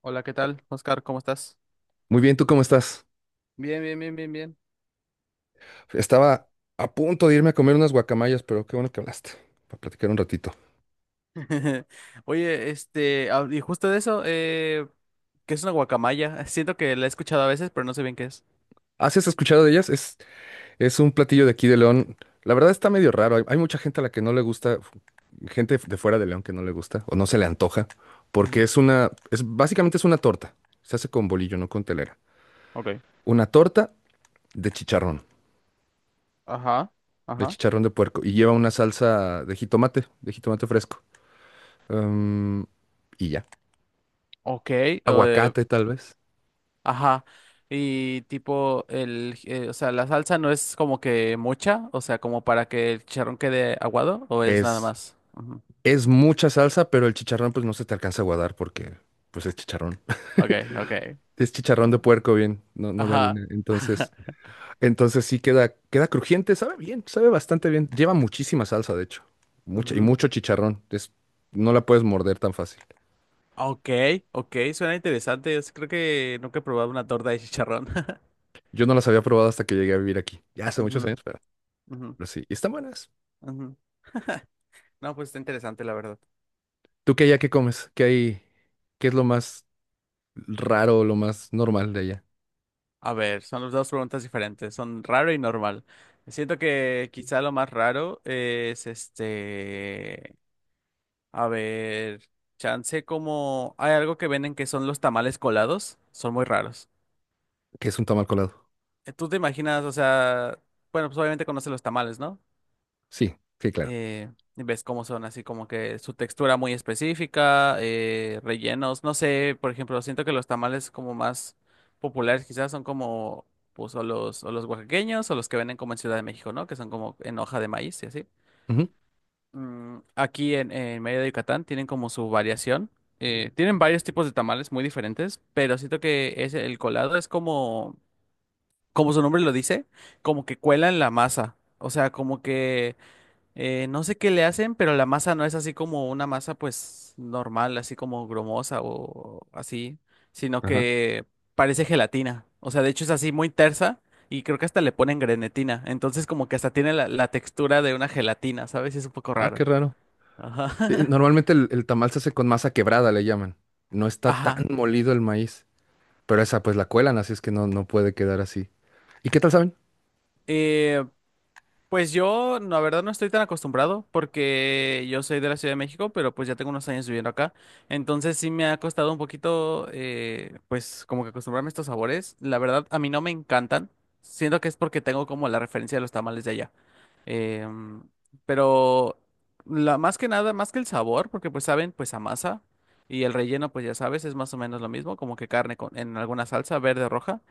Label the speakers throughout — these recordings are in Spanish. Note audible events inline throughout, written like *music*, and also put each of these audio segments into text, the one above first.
Speaker 1: Hola, ¿qué tal, Oscar? ¿Cómo estás?
Speaker 2: Muy bien, ¿tú cómo estás?
Speaker 1: Bien, bien, bien, bien, bien.
Speaker 2: Estaba a punto de irme a comer unas guacamayas, pero qué bueno que hablaste, para platicar un ratito.
Speaker 1: *laughs* Oye, y justo de eso, ¿qué es una guacamaya? *laughs* Siento que la he escuchado a veces, pero no sé bien qué es.
Speaker 2: ¿Has escuchado de ellas? Es un platillo de aquí de León. La verdad está medio raro. Hay mucha gente a la que no le gusta, gente de fuera de León que no le gusta o no se le antoja,
Speaker 1: Ujú.
Speaker 2: porque básicamente es una torta. Se hace con bolillo, no con telera.
Speaker 1: Ok.
Speaker 2: Una torta de chicharrón,
Speaker 1: Ajá,
Speaker 2: de
Speaker 1: ajá.
Speaker 2: chicharrón de puerco, y lleva una salsa de jitomate fresco. Em, y ya.
Speaker 1: Ok,
Speaker 2: Aguacate, tal vez.
Speaker 1: ajá. Y tipo, la salsa no es como que mucha, o sea, como para que el chicharrón quede aguado, o es nada
Speaker 2: Es
Speaker 1: más. Ujú.
Speaker 2: Es mucha salsa, pero el chicharrón pues no se te alcanza a guardar porque pues es chicharrón. *laughs*
Speaker 1: Ok, ok.
Speaker 2: Es chicharrón
Speaker 1: Ah,
Speaker 2: de puerco bien, no de
Speaker 1: ajá.
Speaker 2: harina. Entonces,
Speaker 1: *laughs*
Speaker 2: entonces sí queda crujiente, sabe bien, sabe bastante bien. Lleva muchísima salsa, de hecho. Mucha y
Speaker 1: Ujú.
Speaker 2: mucho chicharrón. No la puedes morder tan fácil.
Speaker 1: Ok, ok, suena interesante. Yo sí creo que nunca he probado una torta de chicharrón. *laughs*
Speaker 2: Yo no las había probado hasta que llegué a vivir aquí. Ya hace muchos
Speaker 1: Ujú,
Speaker 2: años,
Speaker 1: ujú,
Speaker 2: pero sí. Y están buenas.
Speaker 1: ujú. No, pues está interesante, la verdad.
Speaker 2: ¿Tú qué allá qué comes? ¿Qué hay? ¿Qué es lo más raro, lo más normal de allá?
Speaker 1: A ver, son las dos preguntas diferentes, son raro y normal. Siento que quizá lo más raro es a ver, chance como hay algo que venden que son los tamales colados, son muy raros.
Speaker 2: ¿Qué es un tamal colado?
Speaker 1: ¿Tú te imaginas, o sea, bueno, pues obviamente conoces los tamales, ¿no?
Speaker 2: Sí, sí, claro.
Speaker 1: eh, y ves cómo son así como que su textura muy específica, rellenos, no sé, por ejemplo, siento que los tamales como más populares quizás son como pues o los oaxaqueños o los que venden como en Ciudad de México, ¿no? Que son como en hoja de maíz y así.
Speaker 2: Ujú,
Speaker 1: En Mérida de Yucatán tienen como su variación. Tienen varios tipos de tamales muy diferentes, pero siento que es el colado es como, como su nombre lo dice, como que cuelan la masa. O sea, como que no sé qué le hacen, pero la masa no es así como una masa pues normal, así como grumosa o así, sino
Speaker 2: ajá.
Speaker 1: que parece gelatina. O sea, de hecho es así muy tersa y creo que hasta le ponen grenetina. Entonces como que hasta tiene la textura de una gelatina, ¿sabes? Es un poco
Speaker 2: Ah, qué
Speaker 1: raro.
Speaker 2: raro. Sí,
Speaker 1: Ajá.
Speaker 2: normalmente el tamal se hace con masa quebrada, le llaman. No
Speaker 1: *laughs*
Speaker 2: está tan
Speaker 1: Ajá.
Speaker 2: molido el maíz, pero esa pues la cuelan, así es que no, no puede quedar así. ¿Y qué tal saben?
Speaker 1: Eh, Pues yo, la verdad, no estoy tan acostumbrado porque yo soy de la Ciudad de México, pero pues ya tengo unos años viviendo acá. Entonces sí me ha costado un poquito, pues como que acostumbrarme a estos sabores. La verdad, a mí no me encantan. Siento que es porque tengo como la referencia de los tamales de allá. Em, pero más que nada, más que el sabor, porque pues saben, pues a masa y el relleno, pues ya sabes, es más o menos lo mismo, como que carne con, en alguna salsa verde o roja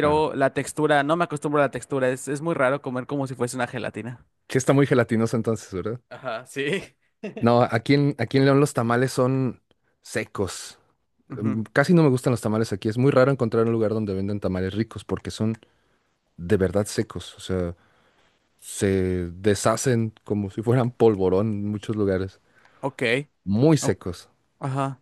Speaker 2: Claro.
Speaker 1: la textura, no me acostumbro a la textura, es muy raro comer como si fuese una gelatina.
Speaker 2: Sí está muy gelatinoso entonces, ¿verdad?
Speaker 1: Ajá, sí.
Speaker 2: No, aquí en León los tamales son secos. Mm,
Speaker 1: Ujú,
Speaker 2: casi no me gustan los tamales aquí. Es muy raro encontrar un lugar donde venden tamales ricos porque son de verdad secos. O sea, se deshacen como si fueran polvorón en muchos lugares.
Speaker 1: Ok,
Speaker 2: Muy
Speaker 1: o-
Speaker 2: secos.
Speaker 1: ajá.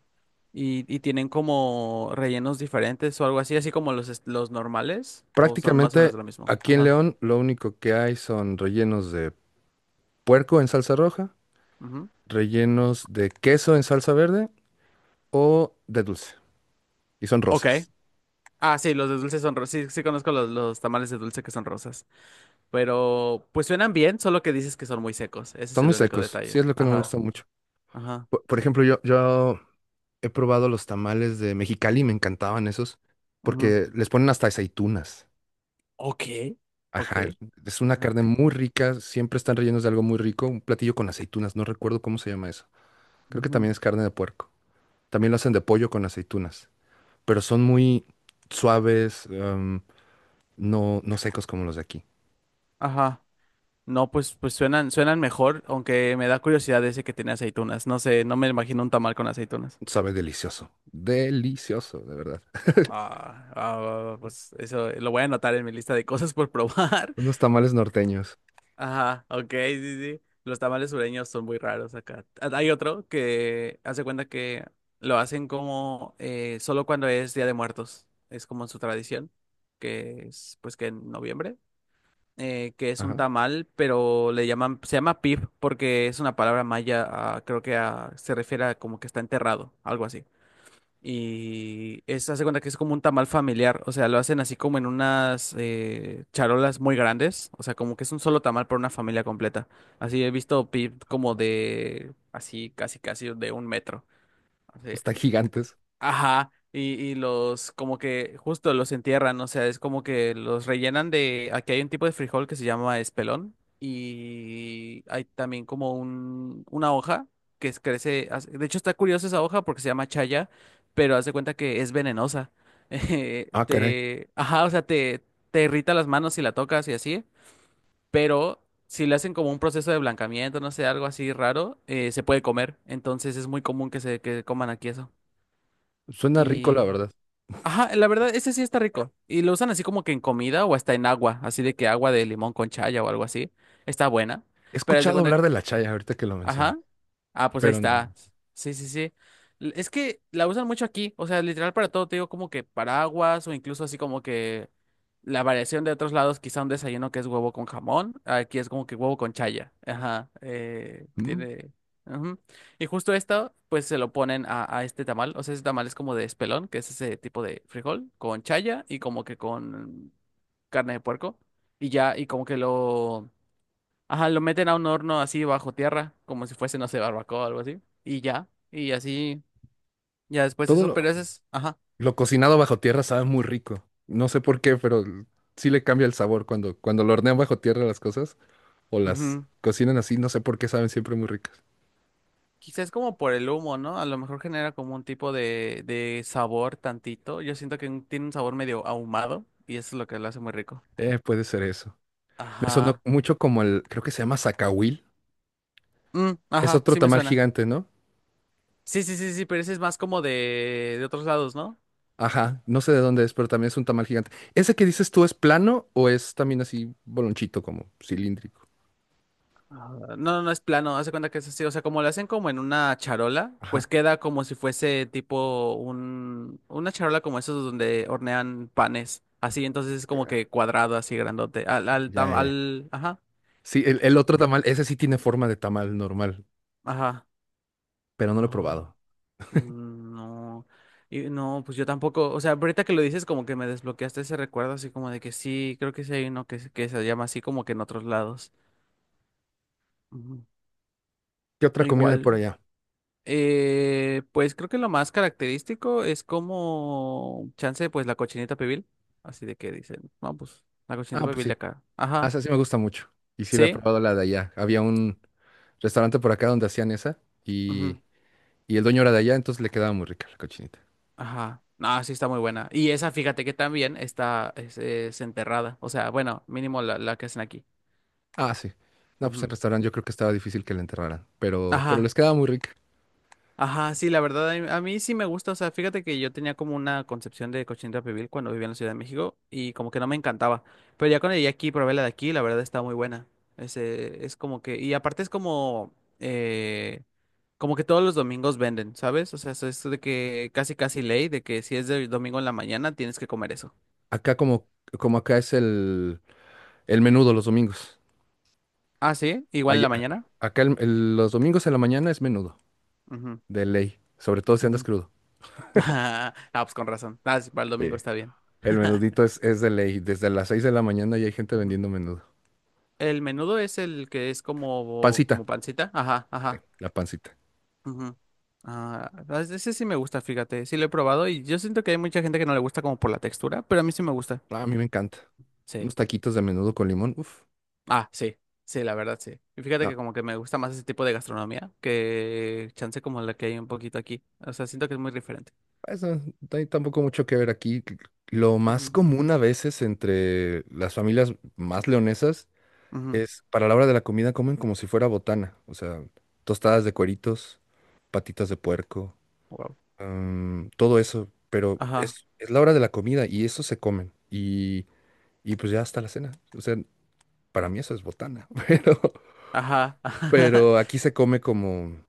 Speaker 1: ¿y tienen como rellenos diferentes o algo así, así como los normales? ¿O son más o menos
Speaker 2: Prácticamente
Speaker 1: lo mismo?
Speaker 2: aquí en
Speaker 1: Ajá.
Speaker 2: León lo único que hay son rellenos de puerco en salsa roja,
Speaker 1: ujú,
Speaker 2: rellenos de queso en salsa verde o de dulce. Y son
Speaker 1: Ok.
Speaker 2: rosas.
Speaker 1: Ah, sí, los de dulce son rosas. Sí, sí conozco los tamales de dulce que son rosas. Pero pues suenan bien, solo que dices que son muy secos. Ese es
Speaker 2: Son
Speaker 1: el
Speaker 2: muy
Speaker 1: único
Speaker 2: secos. Sí
Speaker 1: detalle.
Speaker 2: es lo que no me
Speaker 1: Ajá.
Speaker 2: gusta mucho.
Speaker 1: Ajá.
Speaker 2: Por ejemplo, yo he probado los tamales de Mexicali, me encantaban esos,
Speaker 1: ujú,
Speaker 2: porque les ponen hasta aceitunas.
Speaker 1: Ok.
Speaker 2: Ajá,
Speaker 1: Ok.
Speaker 2: es una
Speaker 1: Ajá.
Speaker 2: carne muy rica, siempre están rellenos de algo muy rico, un platillo con aceitunas, no recuerdo cómo se llama eso. Creo que
Speaker 1: ujú,
Speaker 2: también es carne de puerco. También lo hacen de pollo con aceitunas, pero son muy suaves, no, no secos como los de aquí.
Speaker 1: Ajá. No, pues suenan mejor, aunque me da curiosidad ese que tiene aceitunas. No sé, no me imagino un tamal con aceitunas.
Speaker 2: Sabe delicioso. Delicioso, de verdad.
Speaker 1: Ah, ah, pues eso lo voy a anotar en mi lista de cosas por probar.
Speaker 2: Unos tamales norteños.
Speaker 1: *laughs* Ajá, ok, sí, sí. Los tamales sureños son muy raros acá. Ah, hay otro que hace cuenta que lo hacen como solo cuando es Día de Muertos. Es como su tradición, que es pues que en noviembre. Que es un
Speaker 2: Ajá.
Speaker 1: tamal, pero le llaman, se llama pib porque es una palabra maya, creo que se refiere a como que está enterrado, algo así. Y es, hace cuenta que es como un tamal familiar, o sea, lo hacen así como en unas charolas muy grandes, o sea, como que es un solo tamal para una familia completa. Así he visto pib como de, así, casi, casi de un metro.
Speaker 2: Están gigantes.
Speaker 1: Ajá, y los como que justo los entierran, o sea, es como que los rellenan de, aquí hay un tipo de frijol que se llama espelón y hay también como una hoja crece, de hecho está curiosa esa hoja porque se llama chaya, pero haz de cuenta que es venenosa. *laughs*
Speaker 2: Ah, caray.
Speaker 1: Ajá, te irrita las manos si la tocas y así, pero si le hacen como un proceso de blancamiento, no sé, algo así raro, se puede comer, entonces es muy común que se que coman aquí eso.
Speaker 2: Suena rico, la verdad.
Speaker 1: Ajá, la verdad, ese sí está rico. Y lo usan así como que en comida o hasta en agua, así de que agua de limón con chaya o algo así. Está buena.
Speaker 2: He
Speaker 1: Pero haz de
Speaker 2: escuchado
Speaker 1: cuenta
Speaker 2: hablar de
Speaker 1: que,
Speaker 2: la chaya ahorita que lo menciono,
Speaker 1: ajá. Ah, pues ahí
Speaker 2: pero no.
Speaker 1: está.
Speaker 2: No.
Speaker 1: Sí, sí, sí. Es que la usan mucho aquí, o sea, literal para todo, te digo como que paraguas o incluso así como que la variación de otros lados, quizá un desayuno que es huevo con jamón, aquí es como que huevo con chaya. Ajá,
Speaker 2: Mm,
Speaker 1: tiene... ujú. Y justo esto, pues se lo ponen a este tamal, o sea, ese tamal es como de espelón, que es ese tipo de frijol, con chaya y como que con carne de puerco, y ya, y como que lo... Ajá, lo meten a un horno así bajo tierra, como si fuese, no sé, barbacoa o algo así. Y ya, y así, ya después
Speaker 2: todo
Speaker 1: eso, pero ese es, ajá.
Speaker 2: lo cocinado bajo tierra sabe muy rico. No sé por qué, pero sí le cambia el sabor cuando, cuando lo hornean bajo tierra las cosas o las
Speaker 1: ujú.
Speaker 2: cocinan así. No sé por qué saben siempre muy ricas.
Speaker 1: Quizás como por el humo, ¿no? A lo mejor genera como un tipo de sabor tantito. Yo siento que tiene un sabor medio ahumado y eso es lo que lo hace muy rico.
Speaker 2: Puede ser eso. Me sonó
Speaker 1: Ajá.
Speaker 2: mucho como el, creo que se llama zacahuil.
Speaker 1: Mm,
Speaker 2: Es
Speaker 1: ajá,
Speaker 2: otro
Speaker 1: sí me
Speaker 2: tamal
Speaker 1: suena.
Speaker 2: gigante, ¿no?
Speaker 1: Sí, sí, sí, sí, pero ese es más como de otros lados, ¿no?
Speaker 2: Ajá, no sé de dónde es, pero también es un tamal gigante. ¿Ese que dices tú es plano o es también así bolonchito, como cilíndrico?
Speaker 1: Ah, No, no, es plano, hace cuenta que es así, o sea, como lo hacen como en una charola,
Speaker 2: Ajá.
Speaker 1: pues queda como si fuese tipo una charola como esos donde hornean panes, así, entonces es como que cuadrado, así grandote,
Speaker 2: Ya, ya.
Speaker 1: ajá,
Speaker 2: Sí, el
Speaker 1: sí,
Speaker 2: otro tamal, ese sí tiene forma de tamal normal,
Speaker 1: ajá,
Speaker 2: pero no lo he
Speaker 1: ah,
Speaker 2: probado.
Speaker 1: mm, no, y no, pues yo tampoco, o sea, ahorita que lo dices como que me desbloqueaste ese recuerdo, así como de que sí, creo que sí hay uno que, que se llama así como que en otros lados, Ujú.
Speaker 2: ¿Qué otra comida hay por
Speaker 1: Igual.
Speaker 2: allá?
Speaker 1: Pues creo que lo más característico es como chance, pues la cochinita pibil. Así de que dicen, no, pues la cochinita
Speaker 2: Ah, pues
Speaker 1: pibil de
Speaker 2: sí.
Speaker 1: acá.
Speaker 2: Ah,
Speaker 1: Ajá,
Speaker 2: esa sí me gusta mucho. Y sí la he
Speaker 1: sí,
Speaker 2: probado la de allá. Había un restaurante por acá donde hacían esa
Speaker 1: ujú,
Speaker 2: y el dueño era de allá, entonces le quedaba muy rica la cochinita.
Speaker 1: Ajá. No, sí está muy buena. Y esa, fíjate que también está es enterrada. O sea, bueno, mínimo la que hacen aquí.
Speaker 2: Ah, sí. No, pues el
Speaker 1: Ujú.
Speaker 2: restaurante yo creo que estaba difícil que la enterraran, pero les
Speaker 1: Ajá.
Speaker 2: quedaba muy rica.
Speaker 1: Ajá, sí, la verdad, a mí sí me gusta. O sea, fíjate que yo tenía como una concepción de cochinita pibil cuando vivía en la Ciudad de México y como que no me encantaba. Pero ya cuando llegué aquí, probé la de aquí, la verdad está muy buena. Ese, es como que, y aparte es como, eh, como que todos los domingos venden, ¿sabes? O sea, eso es de que casi casi ley, de que si es de domingo en la mañana, tienes que comer eso.
Speaker 2: Acá como, como acá es el... El menudo los domingos.
Speaker 1: Ah, sí, igual en
Speaker 2: Allá-
Speaker 1: la mañana.
Speaker 2: acá los domingos en la mañana es menudo,
Speaker 1: Ujú,
Speaker 2: de ley. Sobre todo si andas
Speaker 1: ujú.
Speaker 2: crudo.
Speaker 1: *laughs* Ah, pues con razón. Ah, sí, para el
Speaker 2: Sí.
Speaker 1: domingo está bien.
Speaker 2: El menudito es de ley. Desde las 6 de la mañana ya hay gente vendiendo menudo.
Speaker 1: El menudo es el que es como,
Speaker 2: Pancita.
Speaker 1: como pancita. Ajá,
Speaker 2: Sí,
Speaker 1: ajá.
Speaker 2: la pancita.
Speaker 1: ujú. Ah, ah, ese sí me gusta, fíjate. Sí lo he probado y yo siento que hay mucha gente que no le gusta como por la textura, pero a mí sí me gusta.
Speaker 2: Ah, a mí me encanta.
Speaker 1: Sí.
Speaker 2: Unos taquitos de menudo con limón. Uf.
Speaker 1: Ah, sí. Sí, la verdad, sí. Y fíjate
Speaker 2: No,
Speaker 1: que como que me gusta más ese tipo de gastronomía que chance como la que hay un poquito aquí. O sea, siento que es muy diferente.
Speaker 2: eso no hay tampoco mucho que ver aquí. Lo más común a veces entre las familias más leonesas
Speaker 1: Ujú, ujú.
Speaker 2: es para la hora de la comida comen como si fuera botana. O sea, tostadas de cueritos, patitas de puerco,
Speaker 1: Wow.
Speaker 2: mm, todo eso, pero
Speaker 1: Ajá,
Speaker 2: es la hora de la comida y eso se comen y pues ya hasta la cena. O sea, para mí eso es botana, *laughs*
Speaker 1: ajá.
Speaker 2: pero
Speaker 1: *laughs*
Speaker 2: aquí se come como,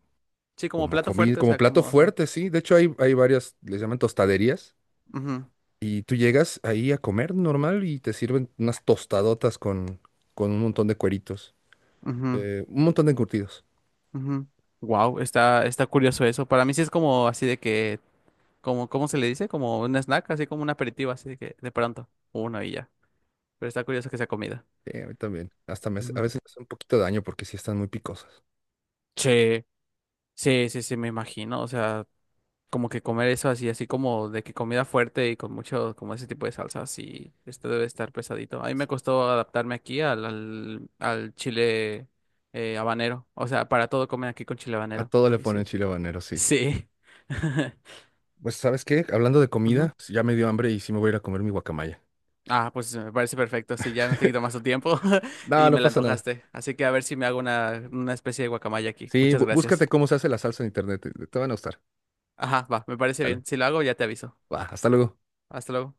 Speaker 1: Sí, como
Speaker 2: como
Speaker 1: plato
Speaker 2: comida,
Speaker 1: fuerte, o
Speaker 2: como
Speaker 1: sea,
Speaker 2: plato
Speaker 1: como, ajá.
Speaker 2: fuerte, sí. De hecho hay varias, les llaman tostaderías
Speaker 1: Ujú,
Speaker 2: y tú llegas ahí a comer normal y te sirven unas tostadotas con un montón de cueritos,
Speaker 1: ujú.
Speaker 2: un montón de encurtidos.
Speaker 1: Wow, está curioso eso. Para mí sí es como así de que, como, ¿cómo se le dice? Como un snack, así como un aperitivo, así de que de pronto, uno y ya. Pero está curioso que sea comida.
Speaker 2: Sí, a mí también. A
Speaker 1: Ujú.
Speaker 2: veces me hace un poquito de daño porque sí están muy picosas.
Speaker 1: Sí, sí, sí, sí, me imagino. O sea, como que comer eso así, así como de que comida fuerte y con mucho, como ese tipo de salsa, sí, esto debe estar pesadito. A mí me costó adaptarme aquí al chile habanero. O sea, para todo comen aquí con chile
Speaker 2: A
Speaker 1: habanero.
Speaker 2: todo le
Speaker 1: Y
Speaker 2: ponen
Speaker 1: sí.
Speaker 2: chile habanero, sí.
Speaker 1: Sí. *laughs*
Speaker 2: Pues, ¿sabes qué? Hablando de
Speaker 1: Ujú.
Speaker 2: comida, pues, ya me dio hambre y sí me voy a ir a comer mi guacamaya.
Speaker 1: Ah, pues me parece perfecto. Sí, ya no te quito más
Speaker 2: *laughs*
Speaker 1: tu tiempo *laughs*
Speaker 2: No,
Speaker 1: y me
Speaker 2: no
Speaker 1: la
Speaker 2: pasa nada.
Speaker 1: antojaste. Así que a ver si me hago una especie de guacamaya aquí.
Speaker 2: Sí,
Speaker 1: Muchas
Speaker 2: búscate
Speaker 1: gracias.
Speaker 2: cómo se hace la salsa en internet. Te van a gustar.
Speaker 1: Ajá, va, me parece
Speaker 2: Vale.
Speaker 1: bien. Si lo hago, ya te aviso.
Speaker 2: Va, hasta luego.
Speaker 1: Hasta luego.